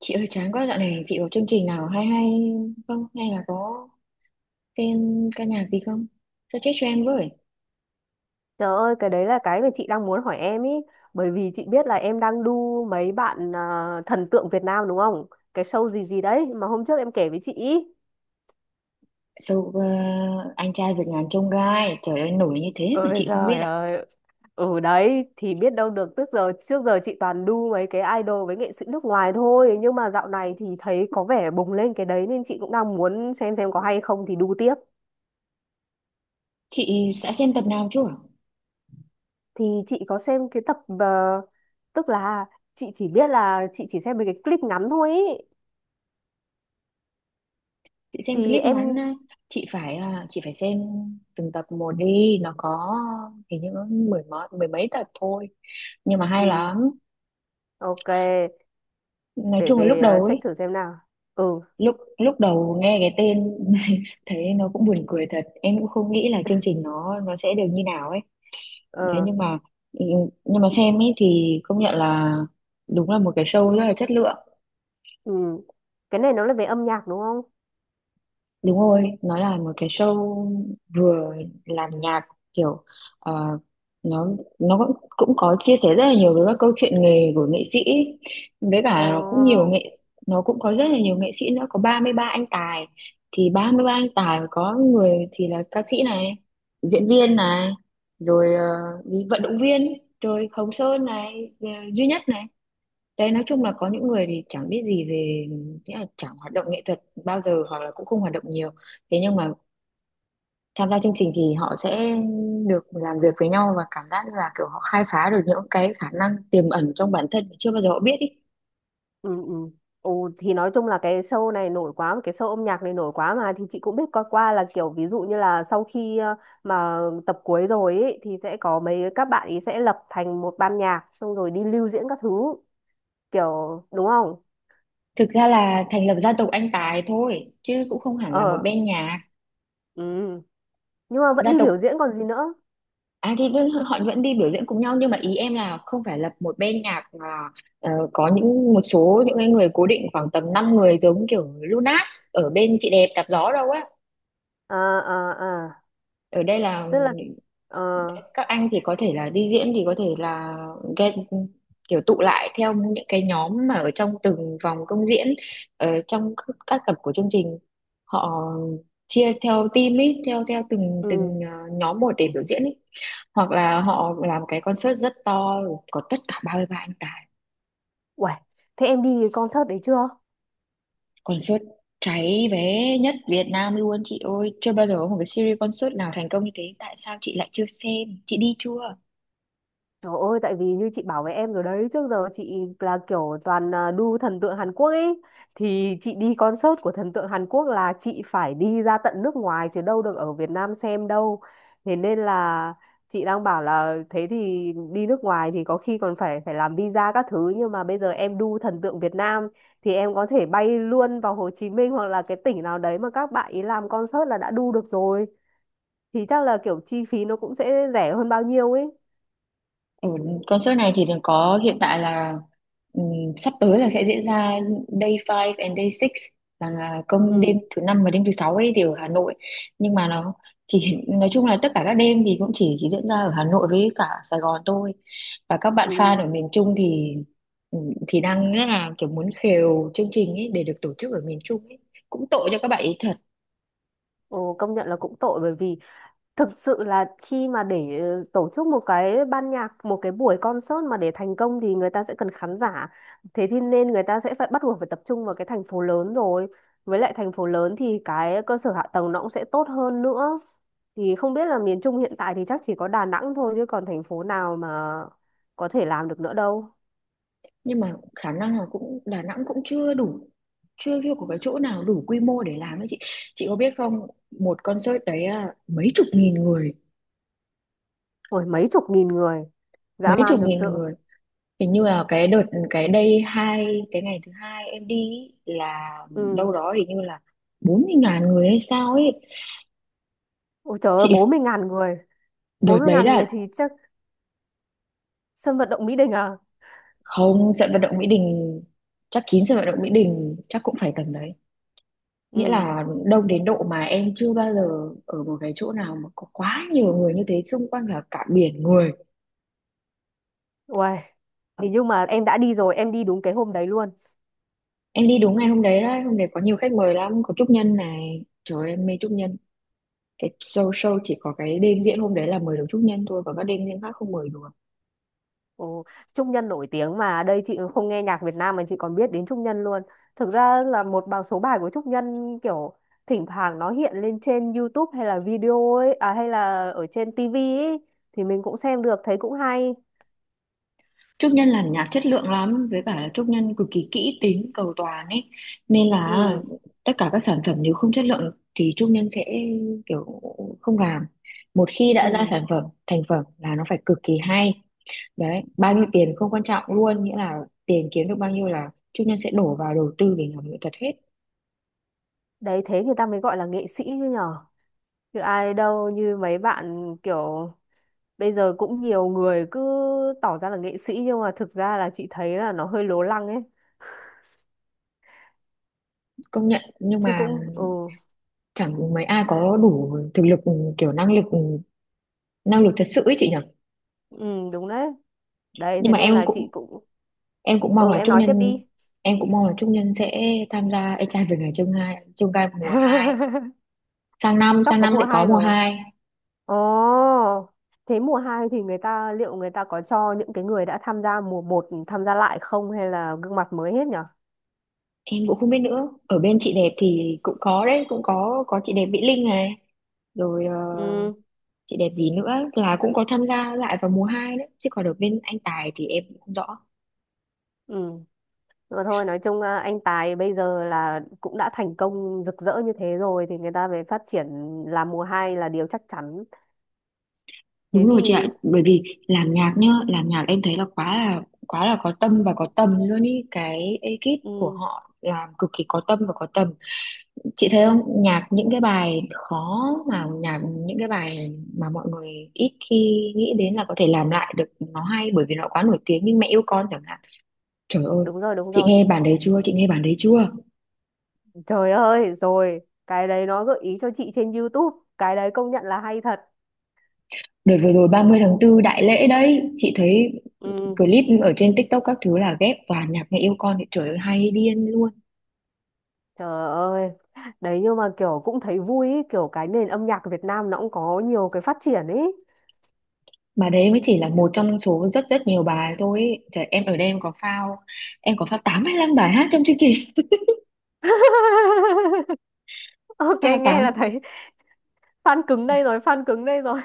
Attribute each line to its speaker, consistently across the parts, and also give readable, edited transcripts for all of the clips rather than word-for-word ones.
Speaker 1: Chị ơi, chán quá. Dạo này chị có chương trình nào hay hay không, hay là có xem ca nhạc gì không? Sao, chết cho em với.
Speaker 2: Trời ơi, cái đấy là cái mà chị đang muốn hỏi em ý. Bởi vì chị biết là em đang đu mấy bạn à, thần tượng Việt Nam đúng không? Cái show gì gì đấy mà hôm trước em kể với chị ý.
Speaker 1: so, ờ, anh trai vượt ngàn chông gai, trời ơi, nổi như thế mà
Speaker 2: Ôi
Speaker 1: chị không biết
Speaker 2: giời
Speaker 1: à?
Speaker 2: ơi, ừ đấy, thì biết đâu được. Tức giờ, trước giờ chị toàn đu mấy cái idol với nghệ sĩ nước ngoài thôi. Nhưng mà dạo này thì thấy có vẻ bùng lên cái đấy nên chị cũng đang muốn xem có hay không thì đu tiếp.
Speaker 1: Chị sẽ xem tập nào chưa?
Speaker 2: Thì chị có xem cái tập, tức là chị chỉ biết là chị chỉ xem mấy cái clip ngắn thôi ý.
Speaker 1: Chị xem
Speaker 2: Thì
Speaker 1: clip ngắn.
Speaker 2: em,
Speaker 1: Ờ, chị phải xem từng tập một đi, nó có, hình như có mười mấy tập thôi nhưng mà hay
Speaker 2: ừ,
Speaker 1: lắm.
Speaker 2: ok.
Speaker 1: Nói
Speaker 2: Để
Speaker 1: chung là lúc
Speaker 2: về
Speaker 1: đầu ấy,
Speaker 2: check thử xem nào. Ừ.
Speaker 1: lúc lúc đầu nghe cái tên thấy nó cũng buồn cười thật, em cũng không nghĩ là chương trình nó sẽ được như nào ấy. Đấy,
Speaker 2: Ờ.
Speaker 1: nhưng mà, ừ, nhưng mà xem ấy thì công nhận là đúng là một cái show rất là chất lượng.
Speaker 2: Ừ. Cái này nó là về âm nhạc đúng không?
Speaker 1: Đúng rồi, nó là một cái show vừa làm nhạc, kiểu, ờ, nó nó cũng cũng có chia sẻ rất là nhiều với các câu chuyện nghề của nghệ sĩ, với cả là
Speaker 2: Ờ.
Speaker 1: nó cũng có rất là nhiều nghệ sĩ nữa, có 33 anh tài. Thì 33 anh tài có người thì là ca sĩ này, diễn viên này, rồi đi vận động viên, rồi Hồng Sơn này, duy nhất này. Đấy, nói chung là có những người thì chẳng biết gì về nghĩa là chẳng hoạt động nghệ thuật bao giờ, hoặc là cũng không hoạt động nhiều. Thế nhưng mà tham gia chương trình thì họ sẽ được làm việc với nhau, và cảm giác như là kiểu họ khai phá được những cái khả năng tiềm ẩn trong bản thân mà chưa bao giờ họ biết ý.
Speaker 2: Ừ. Ừ. Ồ, thì nói chung là cái show này nổi quá, cái show âm nhạc này nổi quá mà, thì chị cũng biết qua qua là kiểu ví dụ như là sau khi mà tập cuối rồi ý, thì sẽ có mấy các bạn ý sẽ lập thành một ban nhạc xong rồi đi lưu diễn các thứ kiểu đúng không?
Speaker 1: Thực ra là thành lập gia tộc Anh Tài thôi chứ cũng không hẳn là một
Speaker 2: Ờ.
Speaker 1: bên nhạc.
Speaker 2: Ừ. Nhưng mà vẫn
Speaker 1: Gia
Speaker 2: đi
Speaker 1: tộc.
Speaker 2: biểu diễn còn gì nữa.
Speaker 1: Họ vẫn đi biểu diễn cùng nhau, nhưng mà ý em là không phải là một bên nhạc mà, có những một số những cái người cố định khoảng tầm 5 người, giống kiểu Lunas ở bên chị đẹp đạp gió đâu á.
Speaker 2: À, à, à,
Speaker 1: Ở đây là
Speaker 2: tức là ờ,
Speaker 1: các anh thì có thể là đi diễn, thì có thể là get, kiểu tụ lại theo những cái nhóm mà ở trong từng vòng công diễn, ở trong các tập của chương trình, họ chia theo team ấy, theo theo từng
Speaker 2: ừ,
Speaker 1: từng nhóm một để biểu diễn ấy. Hoặc là họ làm cái concert rất to, có tất cả 33 anh tài.
Speaker 2: uầy. Thế em đi concert đấy chưa?
Speaker 1: Concert cháy vé nhất Việt Nam luôn chị ơi, chưa bao giờ có một cái series concert nào thành công như thế. Tại sao chị lại chưa xem? Chị đi chưa?
Speaker 2: Trời ơi, tại vì như chị bảo với em rồi đấy, trước giờ chị là kiểu toàn à, đu thần tượng Hàn Quốc ấy. Thì chị đi concert của thần tượng Hàn Quốc là chị phải đi ra tận nước ngoài chứ đâu được ở Việt Nam xem đâu. Thế nên là chị đang bảo là thế thì đi nước ngoài thì có khi còn phải phải làm visa các thứ. Nhưng mà bây giờ em đu thần tượng Việt Nam thì em có thể bay luôn vào Hồ Chí Minh hoặc là cái tỉnh nào đấy mà các bạn ý làm concert là đã đu được rồi. Thì chắc là kiểu chi phí nó cũng sẽ rẻ hơn bao nhiêu ấy.
Speaker 1: Ừ, concert này thì đừng có, hiện tại là, sắp tới là sẽ diễn ra day 5 and day 6, là công đêm
Speaker 2: Ừ.
Speaker 1: thứ năm và đêm thứ sáu ấy, thì ở Hà Nội. Nhưng mà nó chỉ, nói chung là tất cả các đêm thì cũng chỉ diễn ra ở Hà Nội với cả Sài Gòn thôi, và các bạn fan ở
Speaker 2: Ừ.
Speaker 1: miền Trung thì, thì đang rất là kiểu muốn khều chương trình ấy để được tổ chức ở miền Trung ấy, cũng tội cho các bạn ấy thật.
Speaker 2: Ồ, công nhận là cũng tội bởi vì thực sự là khi mà để tổ chức một cái ban nhạc, một cái buổi concert mà để thành công thì người ta sẽ cần khán giả. Thế thì nên người ta sẽ phải bắt buộc phải tập trung vào cái thành phố lớn rồi. Với lại thành phố lớn thì cái cơ sở hạ tầng nó cũng sẽ tốt hơn nữa. Thì không biết là miền Trung hiện tại thì chắc chỉ có Đà Nẵng thôi chứ còn thành phố nào mà có thể làm được nữa đâu.
Speaker 1: Nhưng mà khả năng là cũng Đà Nẵng cũng chưa đủ, chưa chưa có cái chỗ nào đủ quy mô để làm ấy chị. Chị có biết không, một concert đấy à, mấy chục nghìn người.
Speaker 2: Ôi mấy chục nghìn người, dã
Speaker 1: Mấy
Speaker 2: man
Speaker 1: chục
Speaker 2: thực
Speaker 1: nghìn
Speaker 2: sự.
Speaker 1: người. Hình như là cái đợt, cái đây hai cái ngày thứ hai em đi ý, là
Speaker 2: Ừ.
Speaker 1: đâu đó hình như là 40.000 người hay sao ấy
Speaker 2: Ôi trời ơi,
Speaker 1: chị.
Speaker 2: 40.000 người. bốn
Speaker 1: Đợt
Speaker 2: mươi
Speaker 1: đấy
Speaker 2: ngàn người
Speaker 1: là,
Speaker 2: thì chắc sân vận động Mỹ Đình à?
Speaker 1: không, sân vận động Mỹ Đình. Chắc kín sân vận động Mỹ Đình chắc cũng phải tầm đấy, nghĩa
Speaker 2: Ừ,
Speaker 1: là đông đến độ mà em chưa bao giờ ở một cái chỗ nào mà có quá nhiều người như thế, xung quanh là cả biển người.
Speaker 2: uầy. Thì nhưng mà em đã đi rồi, em đi đúng cái hôm đấy luôn.
Speaker 1: Em đi đúng ngày hôm đấy đấy, hôm đấy có nhiều khách mời lắm, có Trúc Nhân này, trời ơi, em mê Trúc Nhân. Cái show show chỉ có cái đêm diễn hôm đấy là mời được Trúc Nhân thôi, còn các đêm diễn khác không mời được.
Speaker 2: Ồ, Trung Nhân nổi tiếng mà, đây chị không nghe nhạc Việt Nam mà chị còn biết đến Trung Nhân luôn. Thực ra là một bài số bài của Trung Nhân kiểu thỉnh thoảng nó hiện lên trên YouTube hay là video ấy, à, hay là ở trên TV ấy thì mình cũng xem được, thấy cũng hay.
Speaker 1: Trúc Nhân làm nhạc chất lượng lắm, với cả là Trúc Nhân cực kỳ kỹ tính cầu toàn ấy, nên là
Speaker 2: Ừ,
Speaker 1: tất cả các sản phẩm nếu không chất lượng thì Trúc Nhân sẽ kiểu không làm. Một khi đã ra
Speaker 2: ừ.
Speaker 1: sản phẩm thành phẩm là nó phải cực kỳ hay. Đấy, bao nhiêu tiền không quan trọng luôn, nghĩa là tiền kiếm được bao nhiêu là Trúc Nhân sẽ đổ vào đầu tư để làm nghệ thuật hết.
Speaker 2: Đấy thế người ta mới gọi là nghệ sĩ chứ nhở. Chứ ai đâu như mấy bạn kiểu bây giờ cũng nhiều người cứ tỏ ra là nghệ sĩ nhưng mà thực ra là chị thấy là nó hơi lố lăng ấy,
Speaker 1: Công nhận, nhưng
Speaker 2: chứ
Speaker 1: mà
Speaker 2: cũng ừ,
Speaker 1: chẳng mấy ai có đủ thực lực, kiểu năng lực, năng lực thật sự ấy chị nhỉ.
Speaker 2: ừ đúng đấy. Đấy
Speaker 1: Nhưng
Speaker 2: thế
Speaker 1: mà
Speaker 2: nên
Speaker 1: em
Speaker 2: là
Speaker 1: cũng,
Speaker 2: chị cũng
Speaker 1: em cũng mong
Speaker 2: ừ,
Speaker 1: là
Speaker 2: em
Speaker 1: Trúc
Speaker 2: nói tiếp
Speaker 1: Nhân,
Speaker 2: đi.
Speaker 1: em cũng mong là Trúc Nhân sẽ tham gia Ê trai về ngày chương hai chương gai mùa hai. sang năm
Speaker 2: tóc
Speaker 1: sang
Speaker 2: có
Speaker 1: năm
Speaker 2: mùa
Speaker 1: sẽ có
Speaker 2: hai
Speaker 1: mùa
Speaker 2: rồi.
Speaker 1: hai.
Speaker 2: Ồ, thế mùa hai thì người ta liệu người ta có cho những cái người đã tham gia mùa một tham gia lại không hay là gương mặt mới hết nhở?
Speaker 1: Em cũng không biết nữa, ở bên chị đẹp thì cũng có đấy, cũng có chị đẹp Mỹ Linh này, rồi
Speaker 2: Ừ.
Speaker 1: chị đẹp gì nữa, là cũng có tham gia lại vào mùa 2 đấy, chứ còn ở bên anh Tài thì em cũng không rõ.
Speaker 2: Ừ, rồi thôi nói chung à, anh Tài bây giờ là cũng đã thành công rực rỡ như thế rồi thì người ta về phát triển làm mùa hai là điều chắc chắn. Thế
Speaker 1: Đúng rồi chị ạ,
Speaker 2: thì
Speaker 1: bởi vì làm nhạc nhá, làm nhạc em thấy là quá là quá là có tâm và có tầm luôn ý, cái ekip của
Speaker 2: ừ,
Speaker 1: họ làm cực kỳ có tâm và có tầm. Chị thấy không, nhạc những cái bài mà mọi người ít khi nghĩ đến là có thể làm lại được nó hay, bởi vì nó quá nổi tiếng, như Mẹ yêu con chẳng hạn. Trời ơi,
Speaker 2: đúng rồi đúng
Speaker 1: chị
Speaker 2: rồi.
Speaker 1: nghe bản đấy chưa? Chị nghe bản đấy chưa?
Speaker 2: Trời ơi, rồi, cái đấy nó gợi ý cho chị trên YouTube, cái đấy công nhận là hay thật.
Speaker 1: Đợt vừa rồi 30 tháng 4 đại lễ đấy, chị thấy
Speaker 2: Ừ,
Speaker 1: clip ở trên TikTok các thứ là ghép toàn nhạc Mẹ yêu con thì trời ơi hay điên luôn.
Speaker 2: trời ơi. Đấy nhưng mà kiểu cũng thấy vui ý, kiểu cái nền âm nhạc Việt Nam nó cũng có nhiều cái phát triển ấy.
Speaker 1: Mà đấy mới chỉ là một trong số rất rất nhiều bài thôi ý. Trời, em ở đây em có phao, tám hay năm bài hát trong chương trình.
Speaker 2: Ok,
Speaker 1: Phao tám.
Speaker 2: nghe là thấy fan cứng đây rồi, fan cứng đây rồi.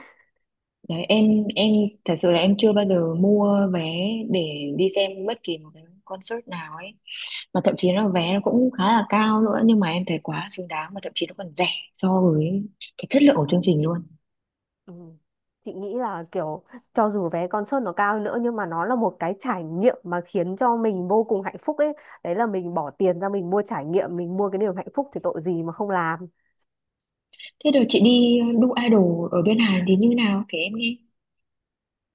Speaker 1: Đấy, em thật sự là em chưa bao giờ mua vé để đi xem bất kỳ một cái concert nào ấy, mà thậm chí là vé nó cũng khá là cao nữa, nhưng mà em thấy quá xứng đáng, mà thậm chí nó còn rẻ so với cái chất lượng của chương trình luôn.
Speaker 2: Ừ. Chị nghĩ là kiểu cho dù vé concert nó cao hơn nữa nhưng mà nó là một cái trải nghiệm mà khiến cho mình vô cùng hạnh phúc ấy. Đấy là mình bỏ tiền ra mình mua trải nghiệm, mình mua cái niềm hạnh phúc thì tội gì mà không làm.
Speaker 1: Thế rồi chị đi đu idol ở bên Hàn thì như nào, kể em nghe.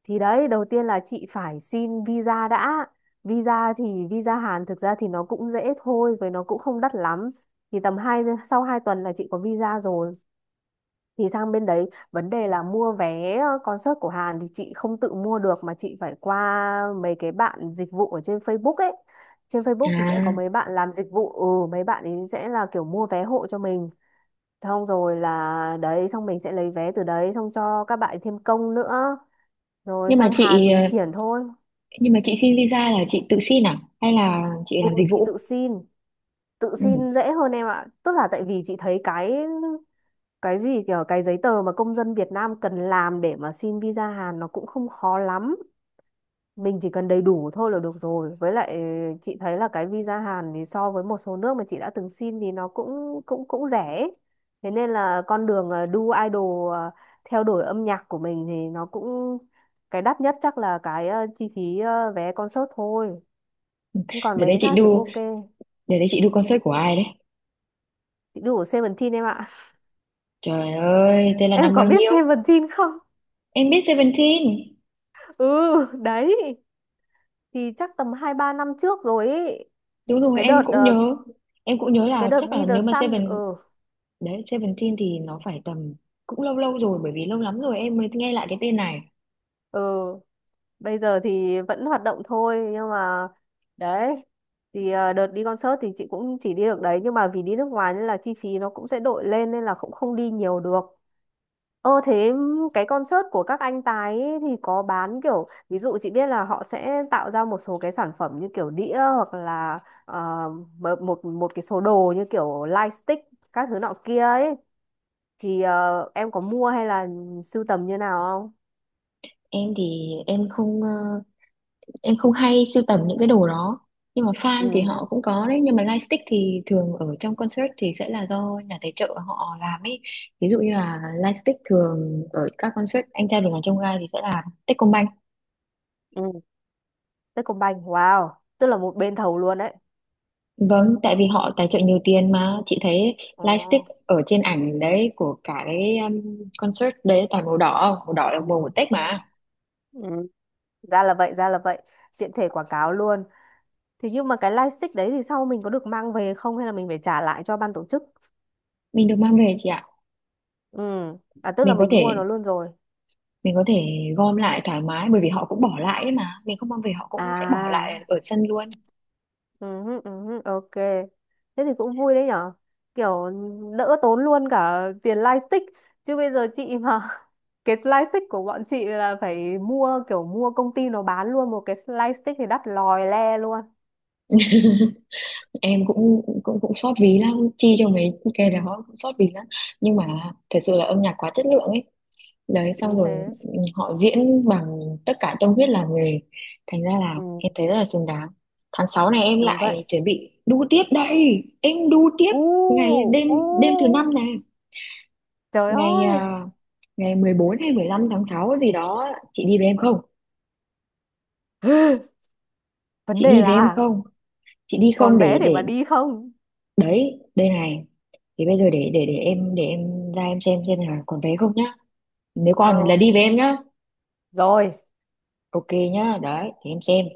Speaker 2: Thì đấy, đầu tiên là chị phải xin visa đã. Visa thì visa Hàn thực ra thì nó cũng dễ thôi, với nó cũng không đắt lắm. Thì tầm 2 tuần là chị có visa rồi, thì sang bên đấy vấn đề là mua vé concert của Hàn thì chị không tự mua được mà chị phải qua mấy cái bạn dịch vụ ở trên Facebook ấy. Trên Facebook thì sẽ có
Speaker 1: À,
Speaker 2: mấy bạn làm dịch vụ, ừ, mấy bạn ấy sẽ là kiểu mua vé hộ cho mình, xong rồi là đấy, xong mình sẽ lấy vé từ đấy, xong cho các bạn ấy thêm công nữa, rồi
Speaker 1: nhưng mà
Speaker 2: sang Hàn
Speaker 1: chị
Speaker 2: mình
Speaker 1: ờ,
Speaker 2: triển thôi.
Speaker 1: nhưng mà chị xin visa là chị tự xin à hay là chị
Speaker 2: Ừ,
Speaker 1: làm dịch
Speaker 2: chị tự
Speaker 1: vụ?
Speaker 2: xin. Tự
Speaker 1: Ừ.
Speaker 2: xin dễ hơn em ạ, tức là tại vì chị thấy cái gì kiểu cái giấy tờ mà công dân Việt Nam cần làm để mà xin visa Hàn nó cũng không khó lắm, mình chỉ cần đầy đủ thôi là được rồi. Với lại chị thấy là cái visa Hàn thì so với một số nước mà chị đã từng xin thì nó cũng cũng cũng rẻ ấy. Thế nên là con đường đu idol, theo đuổi âm nhạc của mình thì nó cũng, cái đắt nhất chắc là cái chi phí, vé concert thôi. Nhưng còn
Speaker 1: để
Speaker 2: mấy
Speaker 1: đấy
Speaker 2: cái
Speaker 1: chị
Speaker 2: khác thì cũng
Speaker 1: đu
Speaker 2: ok.
Speaker 1: để đấy chị đu concert của ai đấy?
Speaker 2: Chị đu của Seventeen em ạ.
Speaker 1: Trời ơi, thế là
Speaker 2: em
Speaker 1: năm
Speaker 2: có
Speaker 1: bao
Speaker 2: biết
Speaker 1: nhiêu?
Speaker 2: Seventeen không?
Speaker 1: Em biết Seventeen.
Speaker 2: Ừ, đấy, thì chắc tầm 2 3 năm trước rồi ý.
Speaker 1: Đúng rồi,
Speaker 2: Cái
Speaker 1: em
Speaker 2: đợt
Speaker 1: cũng nhớ. Em cũng nhớ
Speaker 2: cái
Speaker 1: là
Speaker 2: đợt
Speaker 1: chắc
Speaker 2: Be
Speaker 1: là
Speaker 2: The
Speaker 1: nếu mà
Speaker 2: Sun, ừ,
Speaker 1: Seventeen thì nó phải tầm, cũng lâu lâu rồi, bởi vì lâu lắm rồi em mới nghe lại cái tên này.
Speaker 2: ừ, bây giờ thì vẫn hoạt động thôi nhưng mà đấy. Thì đợt đi concert thì chị cũng chỉ đi được đấy nhưng mà vì đi nước ngoài nên là chi phí nó cũng sẽ đội lên nên là cũng không đi nhiều được. Ờ thế cái concert của các anh Tài ấy thì có bán kiểu ví dụ chị biết là họ sẽ tạo ra một số cái sản phẩm như kiểu đĩa hoặc là ờ, một một một cái số đồ như kiểu lightstick các thứ nọ kia ấy, thì em có mua hay là sưu tầm như nào không?
Speaker 1: Em thì em không, em không hay sưu tầm những cái đồ đó. Nhưng mà fan thì
Speaker 2: Ừ.
Speaker 1: họ cũng có đấy, nhưng mà lightstick thì thường ở trong concert thì sẽ là do nhà tài trợ họ làm ấy. Ví dụ như là lightstick thường ở các concert Anh trai vượt ngàn chông gai thì sẽ là Techcombank.
Speaker 2: Ừ, Techcombank, wow, tức là một bên thầu luôn đấy.
Speaker 1: Vâng, tại vì họ tài trợ nhiều tiền mà chị thấy,
Speaker 2: Ồ.
Speaker 1: lightstick ở trên ảnh đấy của cả cái concert đấy toàn màu đỏ là màu của Tết
Speaker 2: Ừ.
Speaker 1: mà.
Speaker 2: Ừ. Ra là vậy, ra là vậy, tiện thể quảng cáo luôn. Thì nhưng mà cái lightstick đấy thì sau mình có được mang về không hay là mình phải trả lại cho ban tổ chức?
Speaker 1: Mình được mang về chị ạ.
Speaker 2: Ừ. À, tức là
Speaker 1: Mình có
Speaker 2: mình mua
Speaker 1: thể,
Speaker 2: nó luôn rồi.
Speaker 1: mình có thể gom lại thoải mái bởi vì họ cũng bỏ lại ấy mà, mình không mang về họ cũng sẽ bỏ lại
Speaker 2: À.
Speaker 1: ở sân luôn.
Speaker 2: Ừ, hứ, ok. Thế thì cũng vui đấy nhở. Kiểu đỡ tốn luôn cả tiền lightstick. Chứ bây giờ chị mà cái lightstick của bọn chị là phải mua kiểu mua công ty nó bán luôn, một cái lightstick thì đắt lòi le luôn.
Speaker 1: Em cũng cũng cũng xót ví lắm, chi cho mấy cái đó cũng xót ví lắm. Nhưng mà thật sự là âm nhạc quá chất lượng ấy. Đấy, xong
Speaker 2: Đúng
Speaker 1: rồi,
Speaker 2: thế.
Speaker 1: ừ, họ diễn bằng tất cả tâm huyết làm nghề, thành ra là em
Speaker 2: Ừ,
Speaker 1: thấy rất là xứng đáng. tháng 6 này em
Speaker 2: đúng vậy.
Speaker 1: lại chuẩn bị đu tiếp đây, em đu tiếp
Speaker 2: U,
Speaker 1: ngày đêm, đêm thứ năm
Speaker 2: u.
Speaker 1: này,
Speaker 2: Trời
Speaker 1: ngày
Speaker 2: ơi.
Speaker 1: à, ngày 14 hay 15 tháng 6 gì đó, chị đi với em không?
Speaker 2: Vấn
Speaker 1: chị
Speaker 2: đề
Speaker 1: đi với em
Speaker 2: là
Speaker 1: không chị đi không,
Speaker 2: còn vé
Speaker 1: để
Speaker 2: để
Speaker 1: để
Speaker 2: mà đi không?
Speaker 1: đấy, đây này, thì bây giờ để em ra em xem là còn vé không nhá, nếu còn
Speaker 2: Ờ,
Speaker 1: là đi với em nhá.
Speaker 2: rồi.
Speaker 1: Ok nhá, đấy thì em xem.